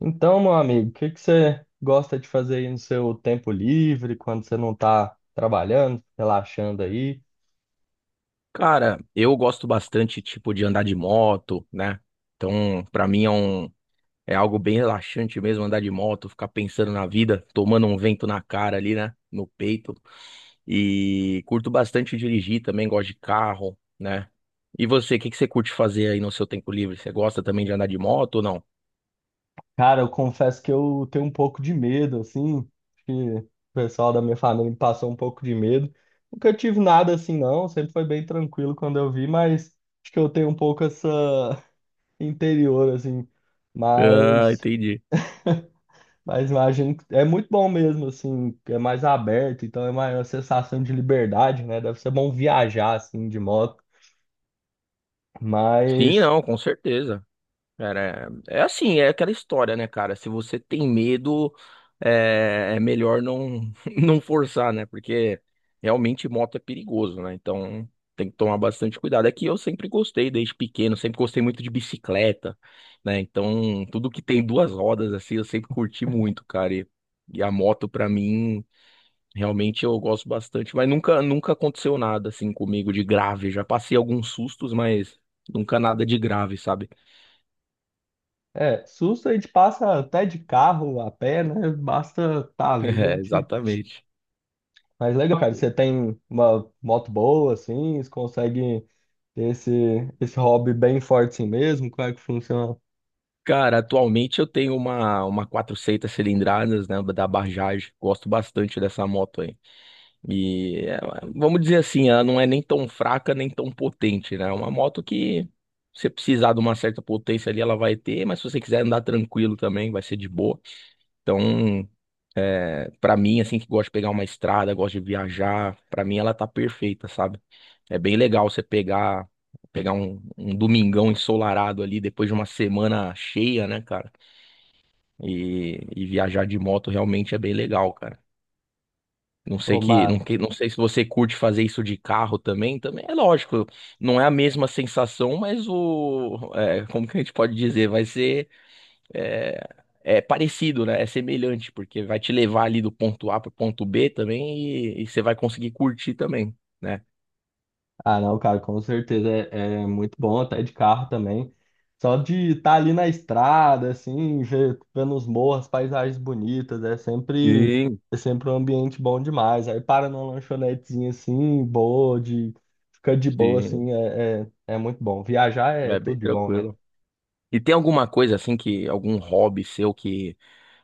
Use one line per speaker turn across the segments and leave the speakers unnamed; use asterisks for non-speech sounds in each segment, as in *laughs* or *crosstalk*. Então, meu amigo, o que você gosta de fazer aí no seu tempo livre, quando você não tá trabalhando, relaxando aí?
Cara, eu gosto bastante, tipo, de andar de moto, né? Então, pra mim é algo bem relaxante mesmo andar de moto, ficar pensando na vida, tomando um vento na cara ali, né? No peito. E curto bastante dirigir também, gosto de carro, né? E você, o que que você curte fazer aí no seu tempo livre? Você gosta também de andar de moto ou não?
Cara, eu confesso que eu tenho um pouco de medo, assim, acho que o pessoal da minha família me passou um pouco de medo. Nunca tive nada assim, não, sempre foi bem tranquilo quando eu vi, mas acho que eu tenho um pouco essa *laughs* interior, assim,
Ah,
mas,
entendi.
mas imagino que é muito bom mesmo, assim, é mais aberto, então é maior a sensação de liberdade, né? Deve ser bom viajar, assim, de moto.
Sim,
Mas,
não, com certeza. Cara, é assim, é aquela história, né, cara? Se você tem medo, é melhor não, *laughs* não forçar, né? Porque realmente moto é perigoso, né? Então tem que tomar bastante cuidado. É que eu sempre gostei, desde pequeno, sempre gostei muito de bicicleta, né? Então tudo que tem duas rodas, assim, eu sempre curti muito, cara. E a moto, pra mim, realmente eu gosto bastante. Mas nunca aconteceu nada, assim, comigo de grave. Já passei alguns sustos, mas nunca nada de grave, sabe?
é, susto a gente passa até de carro, a pé, né? Basta tá
*laughs*
vivo, a
É,
gente...
exatamente.
Mas legal, cara, você tem uma moto boa, assim, você consegue ter esse hobby bem forte assim mesmo? Como é que funciona?
Cara, atualmente eu tenho uma 400 cilindradas, né, da Bajaj. Gosto bastante dessa moto aí. E vamos dizer assim, ela não é nem tão fraca, nem tão potente, né? É uma moto que se você precisar de uma certa potência ali, ela vai ter, mas se você quiser andar tranquilo também, vai ser de boa. Então, para mim, assim, que gosta de pegar uma estrada, gosta de viajar, pra mim ela tá perfeita, sabe? É bem legal você pegar um domingão ensolarado ali depois de uma semana cheia, né, cara? E viajar de moto realmente é bem legal, cara. Não sei
Ô,
que, não,
Mar?
que- Não sei se você curte fazer isso de carro também, também é lógico, não é a mesma sensação, mas como que a gente pode dizer, vai ser é, parecido, né? É semelhante, porque vai te levar ali do ponto A para o ponto B também e você vai conseguir curtir também, né?
Ah, não, cara, com certeza é muito bom, até de carro também. Só de estar ali na estrada, assim, vendo os morros, paisagens bonitas,
Sim,
é sempre um ambiente bom demais. Aí para numa lanchonetezinha assim, boa, de ficar de boa,
sim,
assim, é muito bom. Viajar é
é bem
tudo de bom, né?
tranquilo. E tem alguma coisa assim que, algum hobby seu que,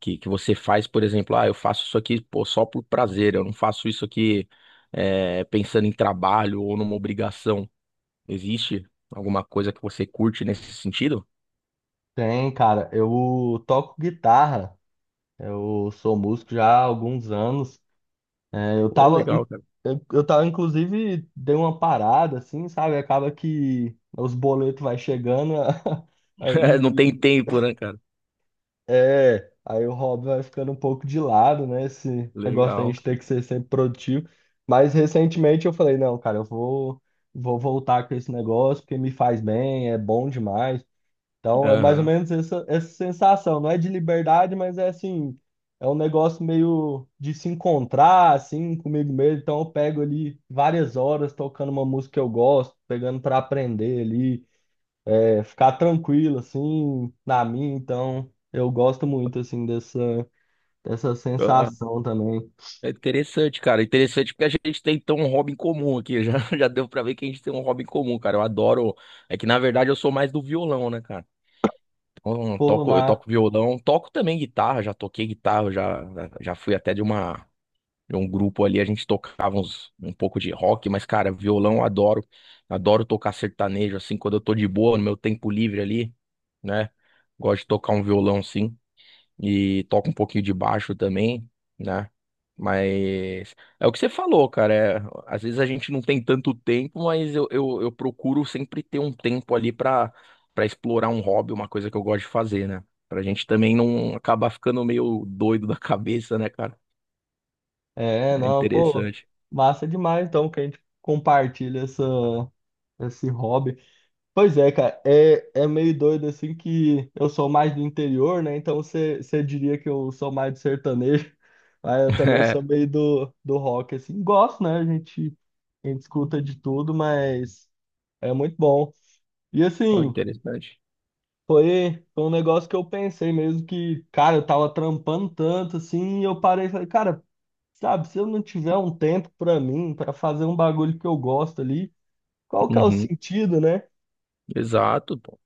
que, que você faz, por exemplo, ah, eu faço isso aqui, pô, só por prazer, eu não faço isso aqui pensando em trabalho ou numa obrigação. Existe alguma coisa que você curte nesse sentido?
Tem, cara, eu toco guitarra, eu sou músico já há alguns anos. Eu
Pô,
tava, in-
legal, cara.
eu tava, inclusive, dei uma parada, assim, sabe? Acaba que os boletos vai chegando *laughs*
*laughs* Não tem
aí
tempo, né, cara?
aí o hobby vai ficando um pouco de lado, né? Esse negócio da
Legal.
gente ter que ser sempre produtivo. Mas recentemente eu falei, não, cara, vou voltar com esse negócio porque me faz bem, é bom demais. Então é mais ou
Aham.
menos essa sensação, não é de liberdade, mas é assim, é um negócio meio de se encontrar assim comigo mesmo. Então eu pego ali várias horas tocando uma música que eu gosto, pegando para aprender ali, é, ficar tranquilo assim na minha. Então eu gosto muito assim dessa dessa sensação também.
É interessante, cara. Interessante porque a gente tem então um hobby em comum aqui. Já, *laughs* já deu pra ver que a gente tem um hobby em comum, cara. Eu adoro. É que na verdade eu sou mais do violão, né, cara? Então, eu
Pô,
toco, eu
mas
toco violão, toco também guitarra, já toquei guitarra, já fui até de um grupo ali, a gente tocava um pouco de rock, mas, cara, violão eu adoro. Adoro tocar sertanejo, assim, quando eu tô de boa, no meu tempo livre ali, né? Gosto de tocar um violão, sim e toco um pouquinho de baixo também, né? Mas é o que você falou, cara. Às vezes a gente não tem tanto tempo, mas eu procuro sempre ter um tempo ali pra para explorar um hobby, uma coisa que eu gosto de fazer, né? Pra gente também não acabar ficando meio doido *laughs* da cabeça, né, cara?
é,
É
não, pô,
interessante. *laughs*
massa demais então que a gente compartilha essa esse hobby. Pois é, cara, é meio doido assim que eu sou mais do interior, né? Então você diria que eu sou mais do sertanejo, *laughs* mas eu também sou
É,
meio do rock, assim. Gosto, né? A gente escuta de tudo, mas é muito bom. E
foi
assim,
interessante.
foi um negócio que eu pensei mesmo que, cara, eu tava trampando tanto assim, e eu parei e falei, cara, sabe, se eu não tiver um tempo pra mim, pra fazer um bagulho que eu gosto ali, qual que é o
Uhum,
sentido, né?
exato, pô.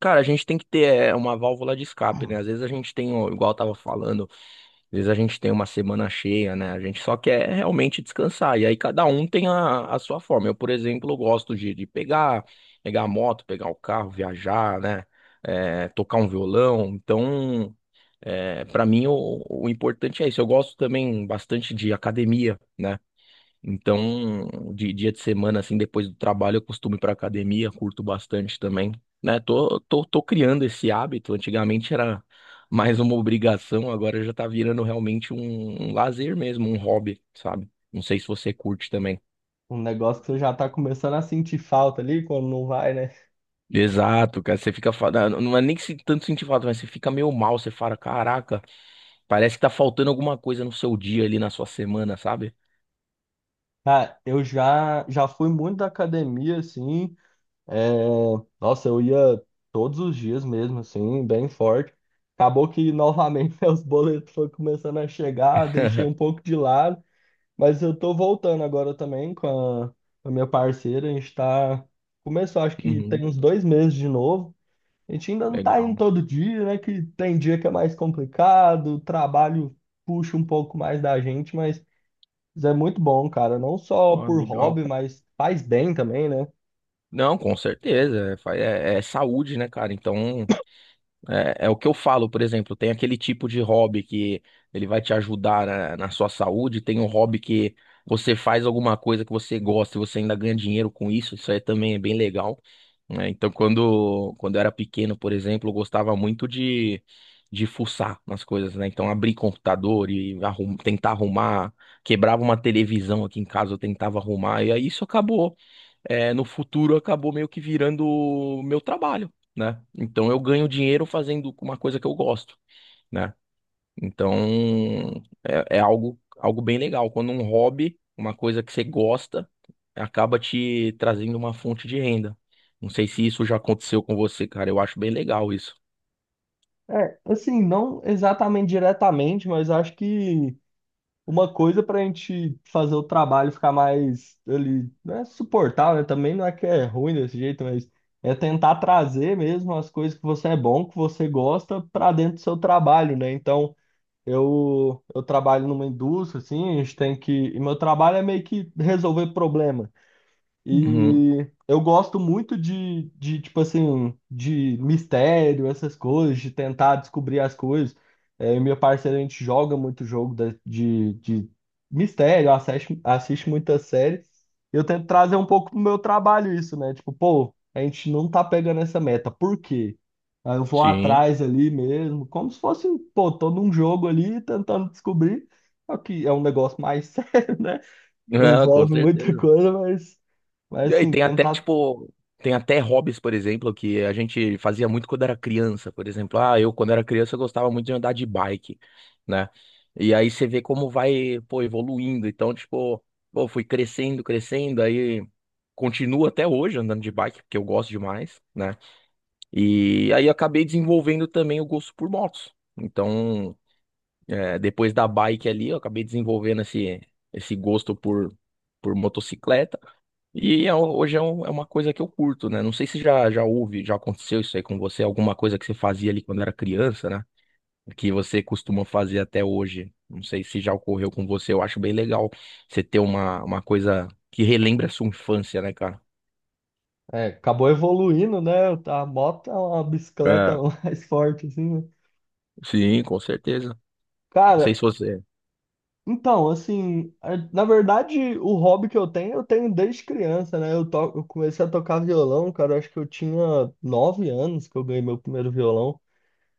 Cara, a gente tem que ter uma válvula de escape, né? Às vezes a gente tem, ó, igual eu tava falando. Às vezes a gente tem uma semana cheia, né? A gente só quer realmente descansar. E aí cada um tem a sua forma. Eu, por exemplo, gosto de pegar a moto, pegar o carro, viajar, né? É, tocar um violão. Então, para mim, o importante é isso. Eu gosto também bastante de academia, né? Então, de dia de semana, assim, depois do trabalho, eu costumo ir pra academia, curto bastante também, né? Tô criando esse hábito. Antigamente era mais uma obrigação, agora já tá virando realmente um lazer mesmo, um hobby, sabe? Não sei se você curte também.
Um negócio que você já tá começando a sentir falta ali quando não vai, né?
Exato, cara, você fica, não é nem que se tanto sentir falta, mas você fica meio mal, você fala, caraca, parece que tá faltando alguma coisa no seu dia ali, na sua semana, sabe?
Cara, já fui muito da academia, assim. É, Nossa, eu ia todos os dias mesmo, assim, bem forte. Acabou que novamente *laughs* meus boletos foram começando a chegar, deixei um
*laughs*
pouco de lado. Mas eu tô voltando agora também com a minha parceira. A gente tá. Começou, acho que tem
Uhum,
uns dois meses de novo. A gente ainda não tá indo
legal.
todo dia, né? Que tem dia que é mais complicado, o trabalho puxa um pouco mais da gente, mas isso é muito bom, cara. Não só
Ó,
por
legal.
hobby, mas faz bem também, né?
Não, com certeza. É saúde, né, cara? Então, é o que eu falo, por exemplo, tem aquele tipo de hobby que ele vai te ajudar na sua saúde, tem um hobby que você faz alguma coisa que você gosta e você ainda ganha dinheiro com isso, isso aí também é bem legal, né? Então, quando eu era pequeno, por exemplo, eu gostava muito de fuçar nas coisas, né? Então, abrir computador e tentar arrumar, quebrava uma televisão aqui em casa, eu tentava arrumar, e aí isso acabou no futuro acabou meio que virando o meu trabalho, né? Então eu ganho dinheiro fazendo uma coisa que eu gosto, né? Então é algo bem legal. Quando um hobby, uma coisa que você gosta, acaba te trazendo uma fonte de renda. Não sei se isso já aconteceu com você, cara. Eu acho bem legal isso.
É, assim, não exatamente diretamente, mas acho que uma coisa pra gente fazer o trabalho ficar mais ali, não é suportável, né? Também não é que é ruim desse jeito, mas é tentar trazer mesmo as coisas que você é bom, que você gosta, pra dentro do seu trabalho, né? Então eu trabalho numa indústria, assim, a gente tem que. E meu trabalho é meio que resolver problemas.
Uhum,
E eu gosto muito tipo assim, de mistério, essas coisas, de tentar descobrir as coisas. É, eu e meu parceiro, a gente joga muito de mistério, assiste muita série. Eu tento trazer um pouco pro meu trabalho isso, né? Tipo, pô, a gente não tá pegando essa meta, por quê? Aí eu vou
sim.
atrás
*laughs*
ali mesmo, como se fosse, pô, tô num jogo ali tentando descobrir. Só que é um negócio mais *laughs* sério, né?
Ah, com
Envolve muita
certeza.
coisa, mas
E aí
assim,
tem até,
tentar.
tipo, tem até hobbies, por exemplo, que a gente fazia muito quando era criança. Por exemplo, ah, eu quando era criança eu gostava muito de andar de bike, né? E aí você vê como vai, pô, evoluindo. Então, tipo, pô, fui crescendo, crescendo, aí continuo até hoje andando de bike, porque eu gosto demais, né? E aí acabei desenvolvendo também o gosto por motos. Então, depois da bike ali, eu acabei desenvolvendo esse gosto por motocicleta. Hoje é uma coisa que eu curto, né? Não sei se já aconteceu isso aí com você, alguma coisa que você fazia ali quando era criança, né? Que você costuma fazer até hoje. Não sei se já ocorreu com você. Eu acho bem legal você ter uma coisa que relembra a sua infância, né, cara?
É, acabou evoluindo, né? A moto é uma bicicleta
É,
*laughs* mais forte, assim, né?
sim, com certeza. Não sei
Cara,
se você.
então, assim, na verdade, o hobby que eu tenho desde criança, né? Eu comecei a tocar violão, cara, eu acho que eu tinha 9 anos que eu ganhei meu primeiro violão.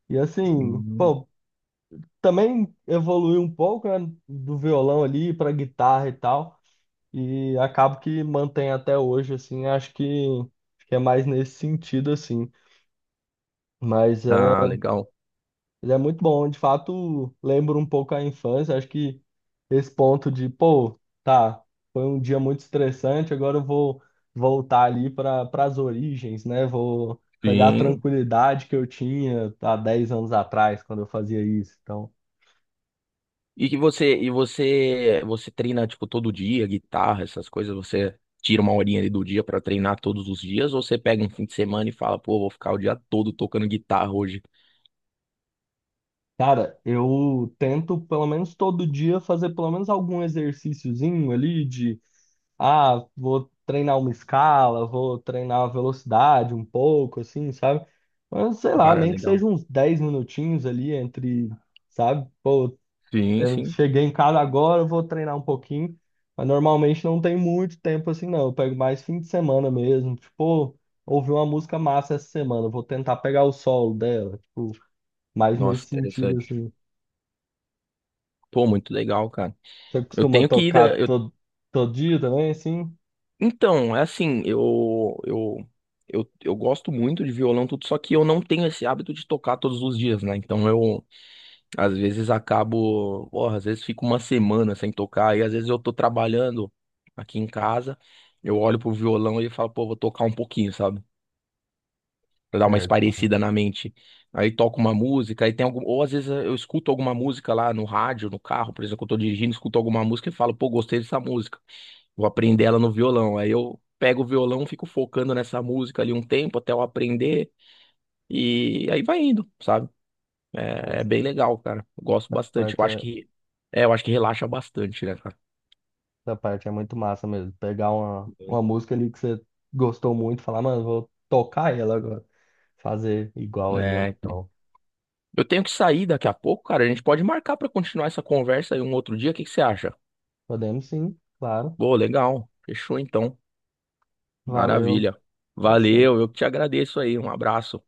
E assim,
Hum,
pô, também evolui um pouco, né, do violão ali pra guitarra e tal. E acabo que mantém até hoje, assim, acho que é mais nesse sentido, assim. Mas é,
Ah, legal.
ele é muito bom, de fato, lembro um pouco a infância, acho que esse ponto de, pô, tá, foi um dia muito estressante, agora eu vou voltar ali para as origens, né? Vou pegar a
Sim.
tranquilidade que eu tinha há 10 anos atrás, quando eu fazia isso. Então,
E que você e você você treina tipo todo dia, guitarra, essas coisas, você tira uma horinha ali do dia pra treinar todos os dias ou você pega um fim de semana e fala, pô, vou ficar o dia todo tocando guitarra hoje.
cara, eu tento pelo menos todo dia fazer pelo menos algum exercíciozinho ali de ah, vou treinar uma escala, vou treinar a velocidade um pouco, assim, sabe? Mas sei lá,
Cara,
nem que
legal.
seja uns 10 minutinhos ali entre, sabe? Pô,
Sim,
eu
sim.
cheguei em casa agora, eu vou treinar um pouquinho, mas normalmente não tem muito tempo assim, não. Eu pego mais fim de semana mesmo, tipo, pô, ouvi uma música massa essa semana, eu vou tentar pegar o solo dela, tipo, mais
Nossa,
nesse sentido,
interessante.
assim.
Pô, muito legal, cara.
Você
Eu
costuma
tenho que ir da...
tocar
eu...
todo, todo dia também, assim?
Então, é assim, eu gosto muito de violão tudo, só que eu não tenho esse hábito de tocar todos os dias, né? Então eu às vezes acabo, porra, às vezes fico uma semana sem tocar, e às vezes eu tô trabalhando aqui em casa, eu olho pro violão e falo, pô, vou tocar um pouquinho, sabe? Pra dar uma
Certo.
espairecida na mente. Aí toco uma música, ou às vezes eu escuto alguma música lá no rádio, no carro, por exemplo, eu tô dirigindo, escuto alguma música e falo, pô, gostei dessa música, vou aprender ela no violão. Aí eu pego o violão, fico focando nessa música ali um tempo até eu aprender, e aí vai indo, sabe? É
Essa
bem legal, cara. Eu gosto bastante. Eu
parte
acho
é
que relaxa bastante, né, cara?
Essa parte é muito massa mesmo. Pegar uma
Uhum.
música ali que você gostou muito, falar, mano, vou tocar ela agora. Fazer igual ali é
É,
muito
então.
bom.
Eu tenho que sair daqui a pouco, cara. A gente pode marcar pra continuar essa conversa aí um outro dia. O que que você acha?
Podemos sim, claro.
Pô, legal. Fechou então.
Valeu.
Maravilha.
É isso
Valeu,
aí.
eu que te agradeço aí. Um abraço.